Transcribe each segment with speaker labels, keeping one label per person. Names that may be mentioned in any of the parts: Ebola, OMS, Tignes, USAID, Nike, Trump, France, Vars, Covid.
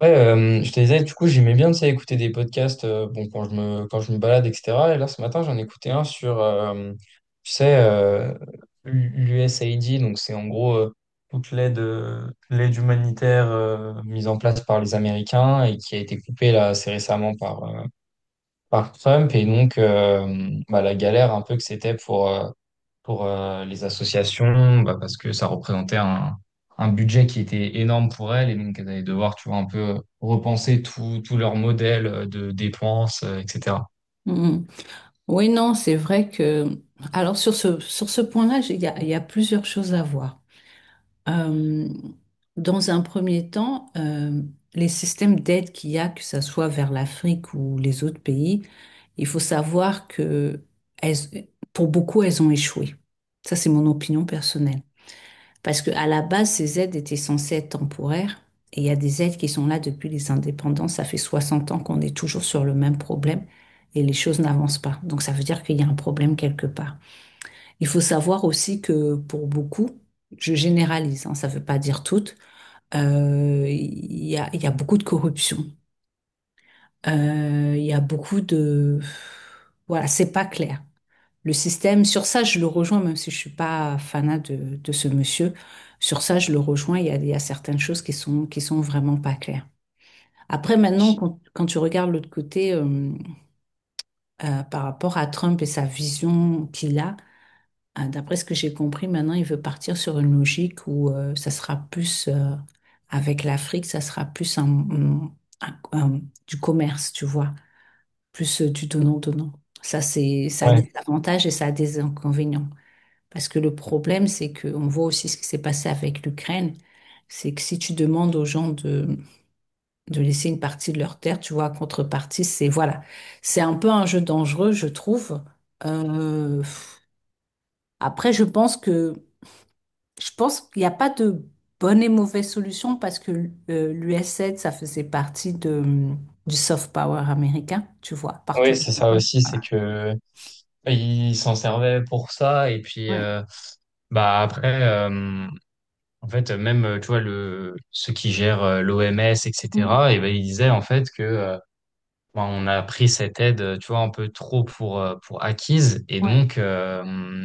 Speaker 1: Ouais, je te disais, du coup, j'aimais bien, tu sais, écouter des podcasts, bon, quand je me balade, etc. Et là, ce matin, j'en écoutais un sur, tu sais, l'USAID. Donc c'est en gros, toute l'aide, humanitaire, mise en place par les Américains et qui a été coupée là assez récemment par Trump. Et donc, bah, la galère un peu que c'était pour, les associations, bah, parce que ça représentait un budget qui était énorme pour elles, et donc elles allaient devoir, tu vois, un peu repenser tout leur modèle de dépenses, etc.
Speaker 2: Mm. Oui, non, c'est vrai que. Alors sur ce point-là, il y a plusieurs choses à voir. Euh, Dans un premier temps, les systèmes d'aide qu'il y a, que ce soit vers l'Afrique ou les autres pays, il faut savoir que pour beaucoup, elles ont échoué. Ça, c'est mon opinion personnelle. Parce que à la base, ces aides étaient censées être temporaires. Et il y a des aides qui sont là depuis les indépendances. Ça fait 60 ans qu'on est toujours sur le même problème et les choses n'avancent pas. Donc ça veut dire qu'il y a un problème quelque part. Il faut savoir aussi que pour beaucoup, je généralise, hein, ça ne veut pas dire toutes. Il y a beaucoup de corruption. Il y a beaucoup de. Voilà, c'est pas clair le système. Sur ça, je le rejoins, même si je suis pas fanat de ce monsieur. Sur ça, je le rejoins. Il y a certaines choses qui sont vraiment pas claires. Après, maintenant, quand tu regardes l'autre côté, par rapport à Trump et sa vision qu'il a, d'après ce que j'ai compris, maintenant, il veut partir sur une logique où ça sera plus, avec l'Afrique, ça sera plus un- un- du commerce, tu vois, plus du donnant-donnant. Ça, ça a
Speaker 1: Ouais,
Speaker 2: des avantages et ça a des inconvénients. Parce que le problème, c'est que on voit aussi ce qui s'est passé avec l'Ukraine, c'est que si tu demandes aux gens de laisser une partie de leur terre, tu vois, en contrepartie, c'est voilà, c'est un peu un jeu dangereux, je trouve. Euh, Après, je pense qu'il n'y a pas de bonne et mauvaise solution parce que l'USAID, ça faisait partie du soft power américain, tu vois,
Speaker 1: ouais,
Speaker 2: partout
Speaker 1: oui,
Speaker 2: dans
Speaker 1: c'est
Speaker 2: le
Speaker 1: ça
Speaker 2: monde.
Speaker 1: aussi, c'est
Speaker 2: Voilà.
Speaker 1: que ils s'en servaient pour ça, et puis,
Speaker 2: Ouais.
Speaker 1: bah après, en fait, même tu vois le ceux qui gèrent l'OMS,
Speaker 2: Mm.
Speaker 1: etc., et cetera. Et ben ils disaient en fait que, bon, on a pris cette aide, tu vois, un peu trop pour acquise. Et
Speaker 2: Ouais.
Speaker 1: donc,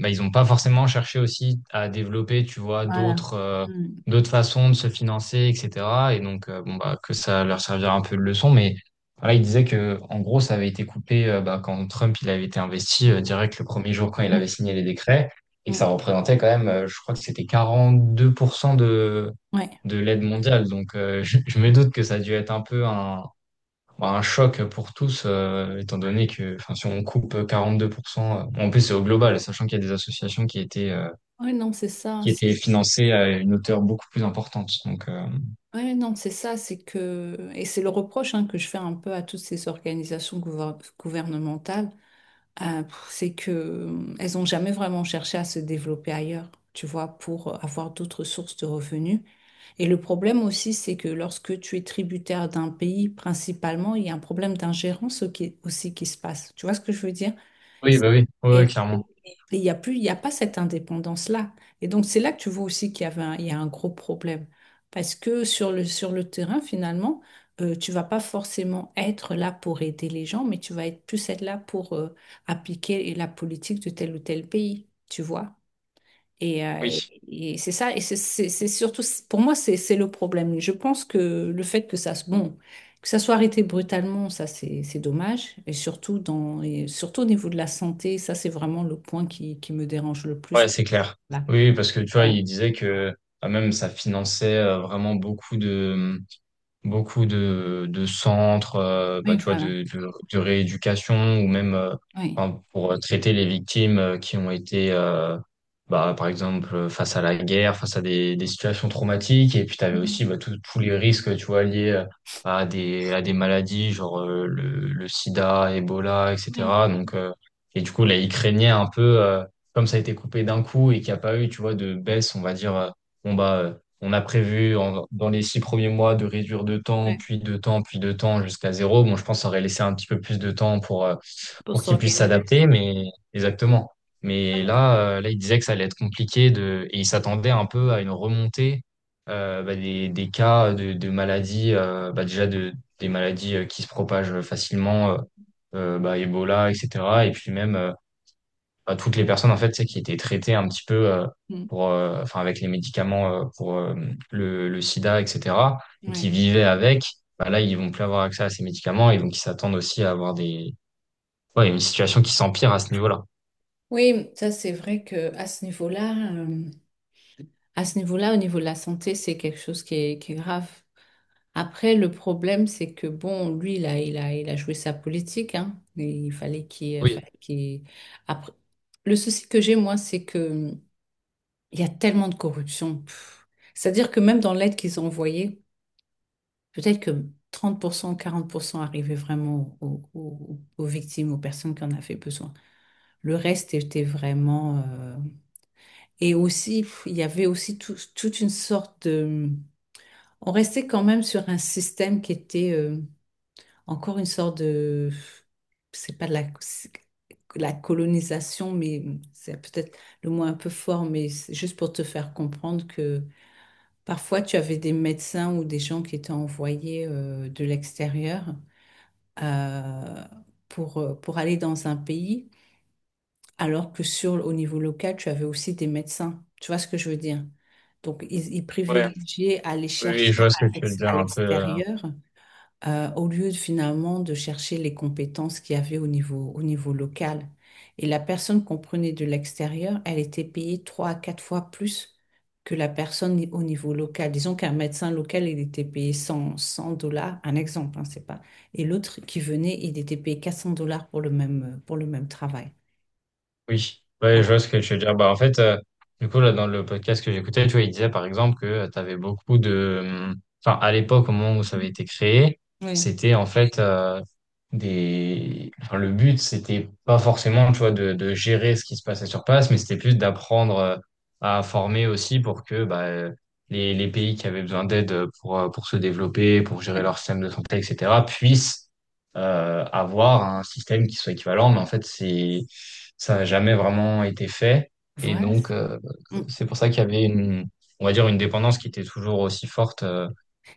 Speaker 1: bah, ils n'ont pas forcément cherché aussi à développer, tu vois,
Speaker 2: Voilà. Mm.
Speaker 1: d'autres façons de se financer, etc. Et donc, bon, bah, que ça leur servira un peu de leçon. Mais voilà, ils disaient que, en gros, ça avait été coupé, bah, quand Trump il avait été investi,
Speaker 2: Mm.
Speaker 1: direct le premier jour quand il
Speaker 2: Ouais.
Speaker 1: avait signé les décrets. Et que
Speaker 2: Mm.
Speaker 1: ça représentait quand même, je crois que c'était 42%
Speaker 2: Ouais.
Speaker 1: de l'aide mondiale. Donc, je me doute que ça a dû être un peu un choc pour tous, étant donné que, enfin, si on coupe 42%, en plus c'est au global, sachant qu'il y a des associations
Speaker 2: Ouais, non, c'est ça.
Speaker 1: qui étaient financées à une hauteur beaucoup plus importante. Donc,
Speaker 2: Ouais, non, c'est ça. C'est que. Et c'est le reproche, hein, que je fais un peu à toutes ces organisations gouvernementales. C'est que elles n'ont jamais vraiment cherché à se développer ailleurs, tu vois, pour avoir d'autres sources de revenus. Et le problème aussi, c'est que lorsque tu es tributaire d'un pays, principalement, il y a un problème d'ingérence aussi qui se passe. Tu vois ce que je veux dire?
Speaker 1: oui, bah oui, ouais, ouais,
Speaker 2: Et
Speaker 1: clairement.
Speaker 2: et il n'y a plus, il y a pas cette indépendance-là. Et donc, c'est là que tu vois aussi qu'il y avait un, il y a un gros problème. Parce que sur le terrain, finalement, tu vas pas forcément être là pour aider les gens, mais tu vas être plus être là pour appliquer la politique de tel ou tel pays, tu vois. Et, euh,
Speaker 1: Oui,
Speaker 2: et- et c'est ça, c'est surtout, pour moi, c'est le problème. Je pense que le fait que que ça soit arrêté brutalement, ça, c'est dommage. Et surtout, et surtout au niveau de la santé, ça, c'est vraiment le point qui me dérange le plus.
Speaker 1: ouais, c'est clair.
Speaker 2: Voilà.
Speaker 1: Oui, parce que tu vois,
Speaker 2: Voilà.
Speaker 1: il disait que, même ça finançait, vraiment beaucoup de centres,
Speaker 2: Oui,
Speaker 1: bah, tu vois,
Speaker 2: voilà.
Speaker 1: de rééducation, ou même,
Speaker 2: Oui.
Speaker 1: enfin, pour, traiter les victimes, qui ont été, bah, par exemple, face à la guerre, face à des situations traumatiques. Et puis, tu avais aussi,
Speaker 2: Mhm.
Speaker 1: bah, tous les risques, tu vois, liés, à à des maladies, genre, le sida, Ebola,
Speaker 2: Oui.
Speaker 1: etc. Donc, et du coup, là, ils craignaient un peu, comme ça a été coupé d'un coup et qu'il n'y a pas eu, tu vois, de baisse, on va dire. Bon, bah, on a prévu dans les 6 premiers mois de réduire de temps,
Speaker 2: Ouais.
Speaker 1: puis de temps, puis de temps jusqu'à zéro. Bon, je pense qu'on aurait laissé un petit peu plus de temps
Speaker 2: Pour
Speaker 1: pour qu'ils puissent
Speaker 2: s'organiser.
Speaker 1: s'adapter, mais exactement. Mais là, il disait que ça allait être compliqué de, et il s'attendait un peu à une remontée, bah, des cas de maladies, bah, des maladies, qui se propagent facilement, bah, Ebola, etc. Et puis même, toutes les
Speaker 2: Ouais.
Speaker 1: personnes en fait, tu sais, qui étaient traitées un petit peu,
Speaker 2: Mm.
Speaker 1: pour, enfin, avec les médicaments, pour, le sida, etc., et qui
Speaker 2: Ouais.
Speaker 1: vivaient avec, bah là, ils vont plus avoir accès à ces médicaments, et donc ils s'attendent aussi à avoir ouais, une situation qui s'empire à ce niveau-là.
Speaker 2: Oui, ça c'est vrai que à ce niveau-là, au niveau de la santé, c'est quelque chose qui est grave. Après, le problème, c'est que bon, lui, il a joué sa politique, hein. Et il fallait
Speaker 1: Oui,
Speaker 2: qu'il- Après, le souci que j'ai, moi, c'est que il y a tellement de corruption. Pff. C'est-à-dire que même dans l'aide qu'ils ont envoyée, peut-être que 30%, 40% arrivait vraiment aux victimes, aux personnes qui en avaient besoin. Le reste était vraiment. Et aussi, il y avait aussi toute une sorte de. On restait quand même sur un système qui était. Encore une sorte de, c'est pas de la, c'est la colonisation, mais c'est peut-être le mot un peu fort, mais c'est juste pour te faire comprendre que parfois tu avais des médecins ou des gens qui étaient envoyés de l'extérieur euh, pour aller dans un pays, alors que au niveau local, tu avais aussi des médecins. Tu vois ce que je veux dire? Donc, ils
Speaker 1: ouais,
Speaker 2: privilégiaient aller
Speaker 1: oui, oui,
Speaker 2: chercher
Speaker 1: je vois ce que tu veux dire
Speaker 2: à
Speaker 1: un peu.
Speaker 2: l'extérieur au lieu de, finalement de chercher les compétences qu'il y avait au niveau local. Et la personne qu'on prenait de l'extérieur, elle était payée 3 à 4 fois plus que la personne au niveau local. Disons qu'un médecin local, il était payé 100, 100 dollars, un exemple, hein, c'est pas. Et l'autre qui venait, il était payé 400 dollars pour pour le même travail.
Speaker 1: Oui, ouais, je
Speaker 2: Voilà.
Speaker 1: vois ce que tu veux dire. Bah, en fait, du coup, là, dans le podcast que j'écoutais, tu vois, il disait par exemple que tu avais beaucoup de. Enfin, à l'époque, au moment où ça avait été créé,
Speaker 2: Oui,
Speaker 1: c'était en fait, des. Enfin, le but, c'était pas forcément, tu vois, de gérer ce qui se passait sur place, mais c'était plus d'apprendre, à former aussi pour que, bah, les pays qui avaient besoin d'aide, pour se développer, pour gérer
Speaker 2: oui.
Speaker 1: leur système de santé, etc., puissent, avoir un système qui soit équivalent. Mais en fait, ça n'a jamais vraiment été fait. Et
Speaker 2: Voilà.
Speaker 1: donc,
Speaker 2: Mm.
Speaker 1: c'est pour ça qu'il y avait une, on va dire, une dépendance qui était toujours aussi forte,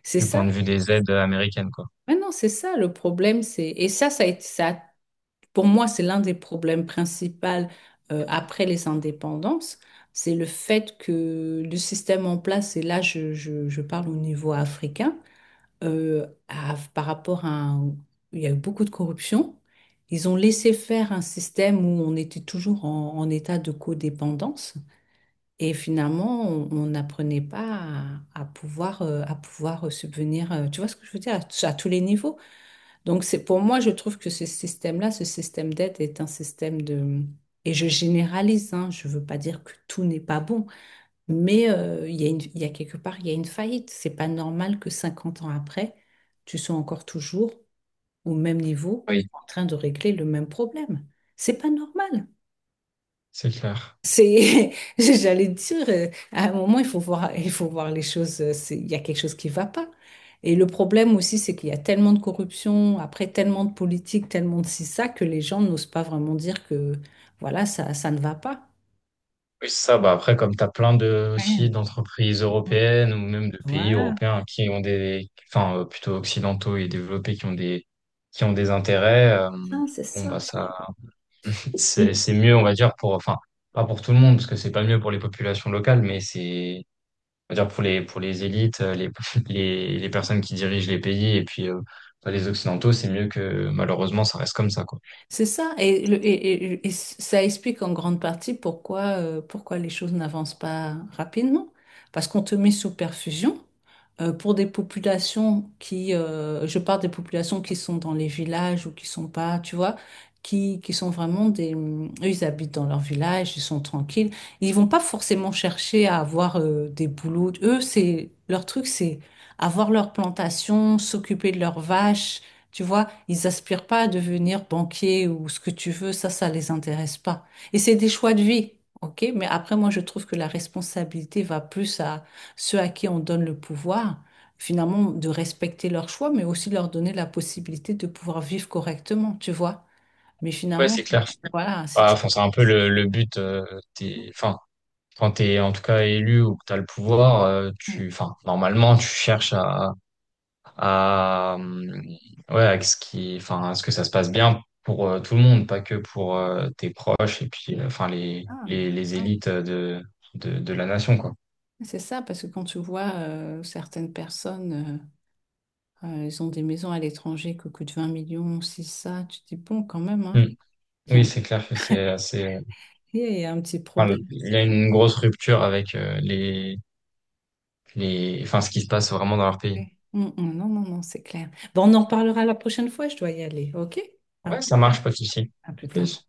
Speaker 2: C'est
Speaker 1: du point
Speaker 2: ça.
Speaker 1: de vue des aides américaines, quoi.
Speaker 2: Mais non, c'est ça le problème. C'est. Et ça a été ça. Pour moi, c'est l'un des problèmes principaux après les indépendances. C'est le fait que le système en place, et là je parle au niveau africain, a- par rapport à... un- il y a eu beaucoup de corruption. Ils ont laissé faire un système où on était toujours en état de codépendance. Et finalement, on n'apprenait pas à pouvoir, à pouvoir subvenir, tu vois ce que je veux dire, à tous les niveaux. Donc, c'est pour moi, je trouve que ce système-là, ce système d'aide est un système de. Et je généralise, hein, je ne veux pas dire que tout n'est pas bon, mais il y a quelque part, il y a une faillite. C'est pas normal que 50 ans après, tu sois encore toujours au même niveau
Speaker 1: Oui,
Speaker 2: en train de régler le même problème. C'est pas normal.
Speaker 1: c'est clair.
Speaker 2: C'est, j'allais dire, à un moment, il faut voir les choses, il y a quelque chose qui va pas. Et le problème aussi, c'est qu'il y a tellement de corruption, après tellement de politique, tellement de ci, ça, que les gens n'osent pas vraiment dire que, voilà, ça ne va pas.
Speaker 1: Oui, c'est ça, bah après, comme tu as plein de, aussi
Speaker 2: Ouais.
Speaker 1: d'entreprises européennes ou même de pays
Speaker 2: Voilà.
Speaker 1: européens qui ont des, enfin, plutôt occidentaux et développés qui ont des intérêts,
Speaker 2: Non, c'est
Speaker 1: bon,
Speaker 2: ça,
Speaker 1: bah,
Speaker 2: c'est
Speaker 1: ça,
Speaker 2: ça.
Speaker 1: c'est mieux, on va dire, pour, enfin, pas pour tout le monde, parce que c'est pas mieux pour les populations locales, mais c'est, on va dire, pour pour les élites, les personnes qui dirigent les pays, et puis, pour les Occidentaux, c'est mieux que malheureusement, ça reste comme ça, quoi.
Speaker 2: C'est ça, et ça explique en grande partie pourquoi, pourquoi les choses n'avancent pas rapidement. Parce qu'on te met sous perfusion pour des populations je parle des populations qui sont dans les villages ou qui sont pas, tu vois, qui sont vraiment des. Eux, ils habitent dans leur village, ils sont tranquilles. Ils vont pas forcément chercher à avoir des boulots. Eux, c'est leur truc, c'est avoir leur plantation, s'occuper de leurs vaches, tu vois, ils aspirent pas à devenir banquier ou ce que tu veux, ça les intéresse pas. Et c'est des choix de vie, ok? Mais après, moi, je trouve que la responsabilité va plus à ceux à qui on donne le pouvoir, finalement, de respecter leurs choix, mais aussi de leur donner la possibilité de pouvoir vivre correctement, tu vois? Mais
Speaker 1: Ouais,
Speaker 2: finalement,
Speaker 1: c'est clair.
Speaker 2: voilà, si
Speaker 1: Bah,
Speaker 2: tu.
Speaker 1: enfin, c'est un peu le but, enfin, quand t'es en tout cas élu ou que t'as le pouvoir,
Speaker 2: Ouais.
Speaker 1: enfin, normalement, tu cherches à à, euh, ouais, enfin, à ce que ça se passe bien pour, tout le monde, pas que pour, tes proches, et puis, enfin,
Speaker 2: Ah,
Speaker 1: les
Speaker 2: ah.
Speaker 1: élites de la nation, quoi.
Speaker 2: C'est ça, parce que quand tu vois certaines personnes, ils ont des maisons à l'étranger qui coûtent 20 millions, si ça, tu te dis, bon, quand même, hein.
Speaker 1: Mm. Oui, c'est clair que c'est assez,
Speaker 2: Il y a un petit
Speaker 1: enfin,
Speaker 2: problème.
Speaker 1: il y a une grosse rupture avec, enfin, ce qui se passe vraiment dans leur pays.
Speaker 2: Ouais. Mm, mm, non, non, non, c'est clair. Bon, on en parlera la prochaine fois, je dois y aller, ok? À
Speaker 1: Ouais,
Speaker 2: plus
Speaker 1: ça
Speaker 2: tard.
Speaker 1: marche, pas de souci.
Speaker 2: À plus tard.
Speaker 1: Plus.